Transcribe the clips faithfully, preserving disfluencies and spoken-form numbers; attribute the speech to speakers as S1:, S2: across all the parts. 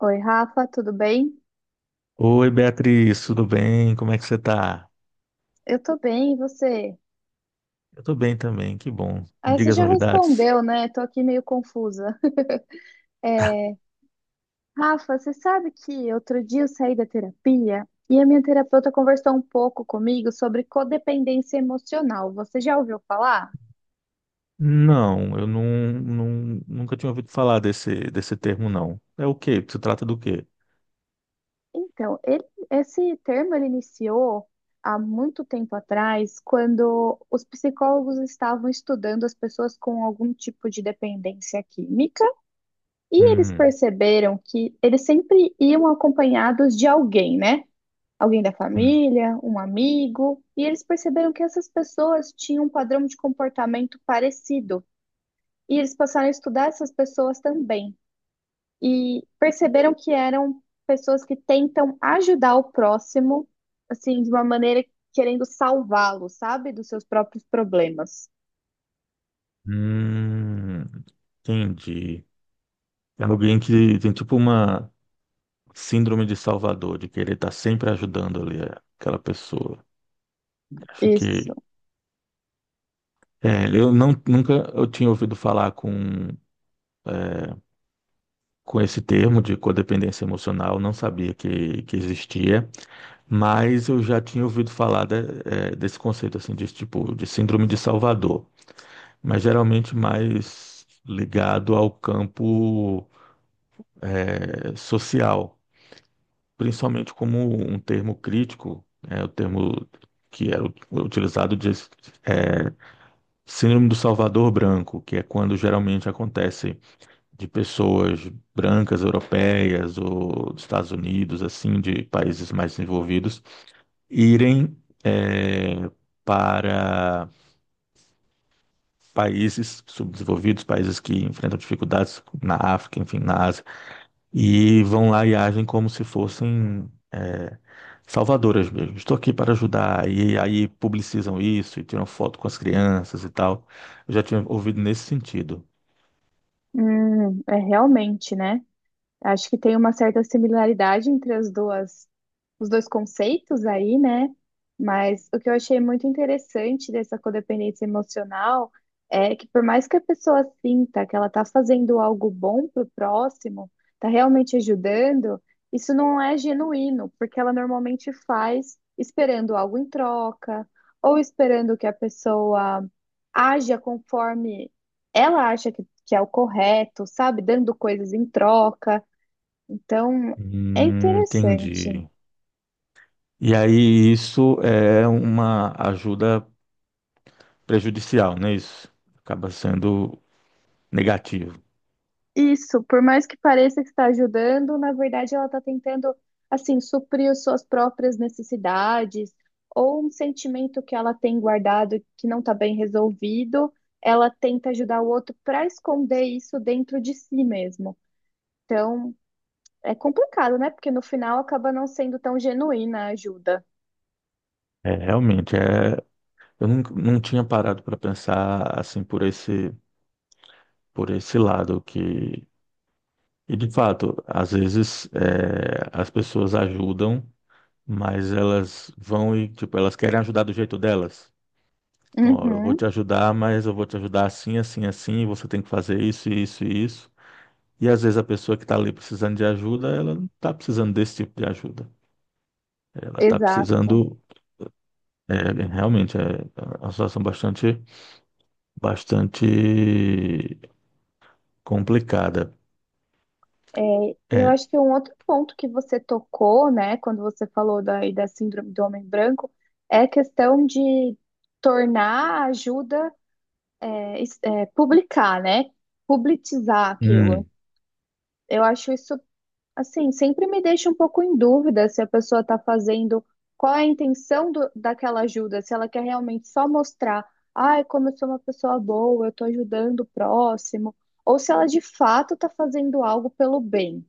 S1: Oi, Rafa, tudo bem?
S2: Oi, Beatriz, tudo bem? Como é que você tá?
S1: Eu tô bem, e você?
S2: Eu tô bem também, que bom. Me
S1: Ah, você
S2: diga as
S1: já
S2: novidades.
S1: respondeu, né? Tô aqui meio confusa. É, Rafa, você sabe que outro dia eu saí da terapia e a minha terapeuta conversou um pouco comigo sobre codependência emocional. Você já ouviu falar?
S2: Não, eu não, não- Nunca tinha ouvido falar desse, desse termo, não. É o quê? Se trata do quê?
S1: Então, ele- esse termo ele iniciou há muito tempo atrás, quando os psicólogos estavam estudando as pessoas com algum tipo de dependência química. E eles
S2: Hum,
S1: perceberam que eles sempre iam acompanhados de alguém, né? Alguém da
S2: sim.
S1: família, um amigo. E eles perceberam que essas pessoas tinham um padrão de comportamento parecido. E eles passaram a estudar essas pessoas também. E perceberam que eram pessoas que tentam ajudar o próximo, assim, de uma maneira querendo salvá-lo, sabe? Dos seus próprios problemas.
S2: Hum, entendi. É alguém que tem tipo uma síndrome de Salvador, de querer estar sempre ajudando ali aquela pessoa. Acho
S1: Isso.
S2: que. É, eu não, Nunca eu tinha ouvido falar com com esse termo de codependência emocional, não sabia que, que existia, mas eu já tinha ouvido falar de- eh, desse conceito assim de tipo de síndrome de Salvador, mas geralmente mais ligado ao campo eh, social, principalmente como um termo crítico, é o termo que era u- utilizado de síndrome do Salvador branco, que é quando geralmente acontece de pessoas brancas, europeias ou dos Estados Unidos, assim, de países mais desenvolvidos, irem eh, para países subdesenvolvidos, países que enfrentam dificuldades na África, enfim, na Ásia, e vão lá e agem como se fossem eh, salvadoras mesmo. Estou aqui para ajudar. E aí publicizam isso e tiram foto com as crianças e tal. Eu já tinha ouvido nesse sentido.
S1: Hum, é realmente, né? Acho que tem uma certa similaridade entre as duas, os dois conceitos aí, né? Mas o que eu achei muito interessante dessa codependência emocional é que por mais que a pessoa sinta que ela está fazendo algo bom para o próximo, está realmente ajudando, isso não é genuíno, porque ela normalmente faz esperando algo em troca, ou esperando que a pessoa haja conforme ela acha que, que é o correto, sabe? Dando coisas em troca. Então, é
S2: Hum,
S1: interessante.
S2: entendi. E aí isso é uma ajuda prejudicial, né? Isso acaba sendo negativo.
S1: Isso, por mais que pareça que está ajudando, na verdade ela está tentando, assim, suprir as suas próprias necessidades ou um sentimento que ela tem guardado que não está bem resolvido, ela tenta ajudar o outro para esconder isso dentro de si mesmo. Então, é complicado, né? Porque no final acaba não sendo tão genuína a ajuda.
S2: É, realmente, é, eu não, Não tinha parado para pensar assim por esse, por esse lado que, e de fato, às vezes é, as pessoas ajudam, mas elas vão e, tipo, elas querem ajudar do jeito delas. Então, ó, eu vou
S1: Uhum,
S2: te ajudar, mas eu vou te ajudar assim, assim, assim, e você tem que fazer isso, isso e isso. E às vezes a pessoa que está ali precisando de ajuda, ela não está precisando desse tipo de ajuda. Ela está
S1: exato.
S2: precisando, é, realmente, é é uma situação bastante, bastante complicada.
S1: É, e eu
S2: É,
S1: acho que um outro ponto que você tocou, né, quando você falou da, aí da síndrome do homem branco, é a questão de tornar a ajuda, é, es- é, publicar, né, publicizar aquilo.
S2: hum,
S1: Eu acho isso, assim, sempre me deixa um pouco em dúvida se a pessoa está fazendo, qual é a intenção do- daquela ajuda, se ela quer realmente só mostrar, ai, como eu sou uma pessoa boa, eu estou ajudando o próximo, ou se ela de fato está fazendo algo pelo bem.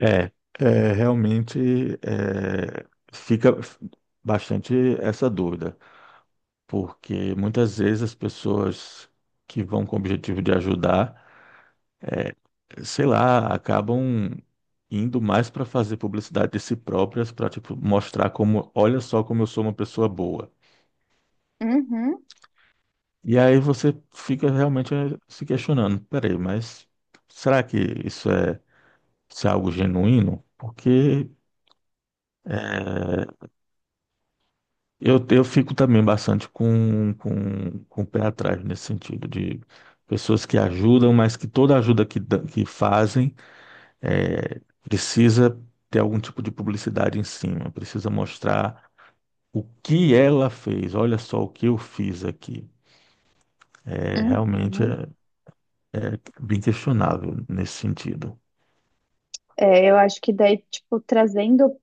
S2: é, é, realmente é, Fica bastante essa dúvida, porque muitas vezes as pessoas que vão com o objetivo de ajudar, sei lá, acabam indo mais para fazer publicidade de si próprias, para tipo mostrar como, olha só como eu sou uma pessoa boa.
S1: Uhum.
S2: E aí você fica realmente eh, se questionando, peraí, mas será que isso é, isso é algo genuíno? Porque eh, eu, eu fico também bastante com, com, com o pé atrás nesse sentido de pessoas que ajudam, mas que toda ajuda que, dã- que fazem eh, precisa ter algum tipo de publicidade em cima, precisa mostrar o que ela fez. Olha só o que eu fiz aqui. É realmente
S1: Uhum.
S2: é bem questionável nesse sentido.
S1: É, eu acho que daí, tipo, trazendo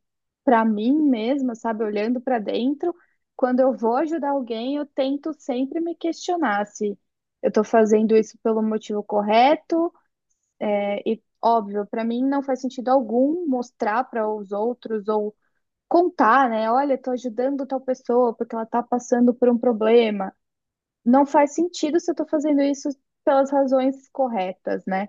S1: pra mim mesma, sabe, olhando pra dentro, quando eu vou ajudar alguém, eu tento sempre me questionar se eu tô fazendo isso pelo motivo correto, é, e óbvio, pra mim não faz sentido algum mostrar para os outros ou contar, né? Olha, tô ajudando tal pessoa porque ela tá passando por um problema. Não faz sentido se eu tô fazendo isso pelas razões corretas, né?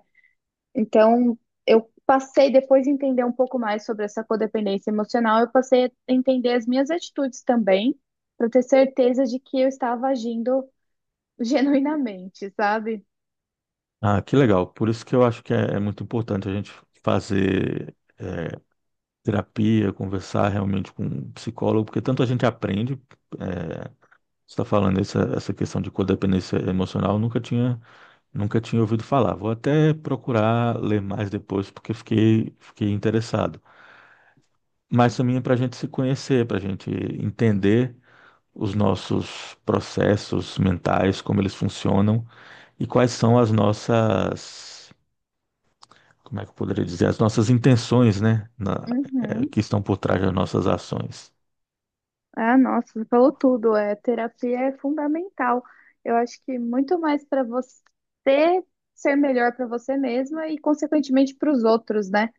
S1: Então, eu passei, depois de entender um pouco mais sobre essa codependência emocional, eu passei a entender as minhas atitudes também, para ter certeza de que eu estava agindo genuinamente, sabe?
S2: Ah, que legal. Por isso que eu acho que é, é muito importante a gente fazer é, terapia, conversar realmente com um psicólogo, porque tanto a gente aprende. É, você está falando essa, essa questão de codependência emocional, eu nunca tinha, nunca tinha ouvido falar. Vou até procurar ler mais depois, porque fiquei, fiquei interessado. Mas também é para a gente se conhecer, para a gente entender os nossos processos mentais, como eles funcionam e quais são as nossas, como é que eu poderia dizer, as nossas intenções, né, na- eh,
S1: Uhum.
S2: que estão por trás das nossas ações.
S1: Ah, nossa, você falou tudo. É, terapia é fundamental. Eu acho que muito mais para você ser melhor para você mesma e, consequentemente, para os outros, né?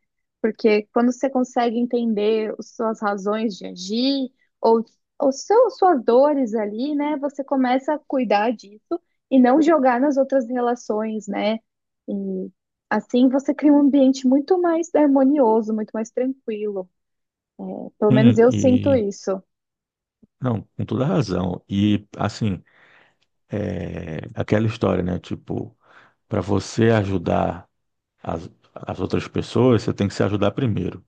S1: Porque quando você consegue entender as suas razões de agir ou, ou seu, suas dores ali, né? Você começa a cuidar disso e não jogar nas outras relações, né? E assim você cria um ambiente muito mais harmonioso, muito mais tranquilo. Pelo menos
S2: Sim,
S1: eu sinto
S2: e
S1: isso.
S2: não, com toda razão. E assim, é, aquela história, né, tipo, para você ajudar as, as outras pessoas, você tem que se ajudar primeiro.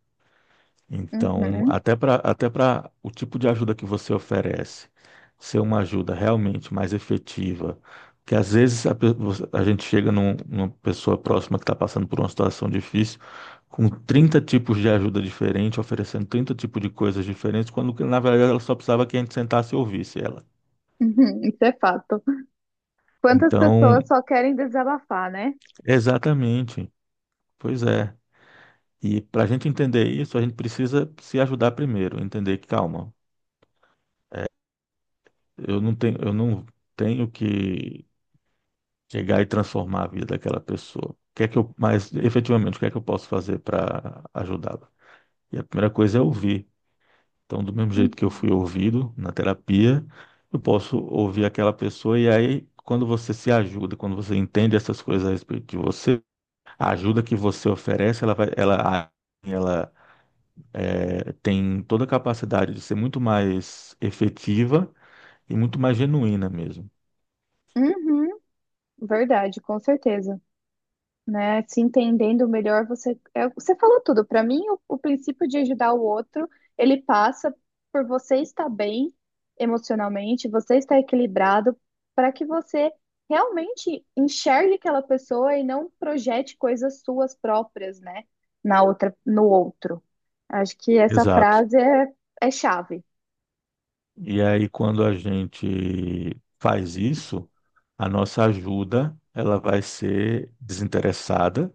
S2: Então,
S1: Uhum.
S2: até para até para o tipo de ajuda que você oferece ser uma ajuda realmente mais efetiva, que às vezes a, pe- você- a gente chega num- numa pessoa próxima que está passando por uma situação difícil, com trinta tipos de ajuda diferente, oferecendo trinta tipos de coisas diferentes, quando que, na verdade ela só precisava que a gente sentasse e ouvisse ela.
S1: Uhum, isso é fato. Quantas
S2: Então,
S1: pessoas só querem desabafar, né?
S2: exatamente, pois é. E para a gente entender isso, a gente precisa se ajudar primeiro, entender que calma. Eu não tenho, eu não tenho que chegar e transformar a vida daquela pessoa. O que é que eu, Mas efetivamente, o que é que eu posso fazer para ajudá-la? E a primeira coisa é ouvir. Então, do mesmo jeito que eu
S1: Uhum,
S2: fui ouvido na terapia, eu posso ouvir aquela pessoa. E aí quando você se ajuda, quando você entende essas coisas a respeito de você, a ajuda que você oferece, ela vai, ela, ela eh, tem toda a capacidade de ser muito mais efetiva e muito mais genuína mesmo.
S1: uhum, verdade, com certeza. Né? Se entendendo melhor, você, é, você falou tudo. Para mim, o, o princípio de ajudar o outro, ele passa por você estar bem emocionalmente, você estar equilibrado, para que você realmente enxergue aquela pessoa e não projete coisas suas próprias, né? Na outra, no outro. Acho que essa
S2: Exato.
S1: frase é, é chave.
S2: E aí, quando a gente faz isso, a nossa ajuda ela vai ser desinteressada.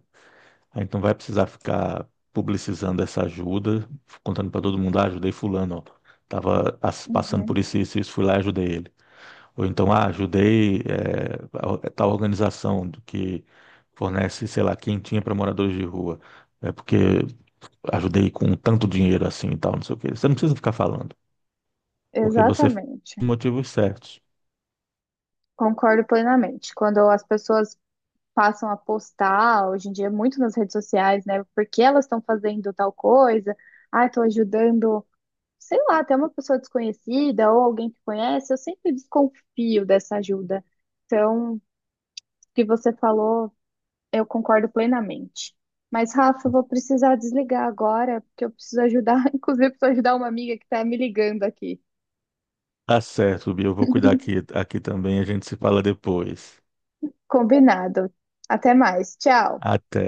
S2: A gente não vai precisar ficar publicizando essa ajuda, contando para todo mundo, ah, ajudei fulano, ó, tava as- passando por
S1: Uhum.
S2: isso, isso, isso, fui lá e ajudei ele. Ou então, ah, ajudei eh, a or- tal organização do que fornece, sei lá, quentinha para moradores de rua. É porque ajudei com tanto dinheiro assim e tal, não sei o quê. Você não precisa ficar falando, porque você fez
S1: Exatamente.
S2: os motivos certos.
S1: Concordo plenamente. Quando as pessoas passam a postar, hoje em dia, muito nas redes sociais, né? Porque elas estão fazendo tal coisa, ah, estou ajudando, sei lá, até uma pessoa desconhecida ou alguém que conhece, eu sempre desconfio dessa ajuda. Então, o que você falou, eu concordo plenamente. Mas, Rafa, eu vou precisar desligar agora, porque eu preciso ajudar, inclusive, preciso ajudar uma amiga que está me ligando aqui.
S2: Tá certo, Bia. Eu vou cuidar aqui, aqui também. A gente se fala depois.
S1: Combinado. Até mais. Tchau.
S2: Até.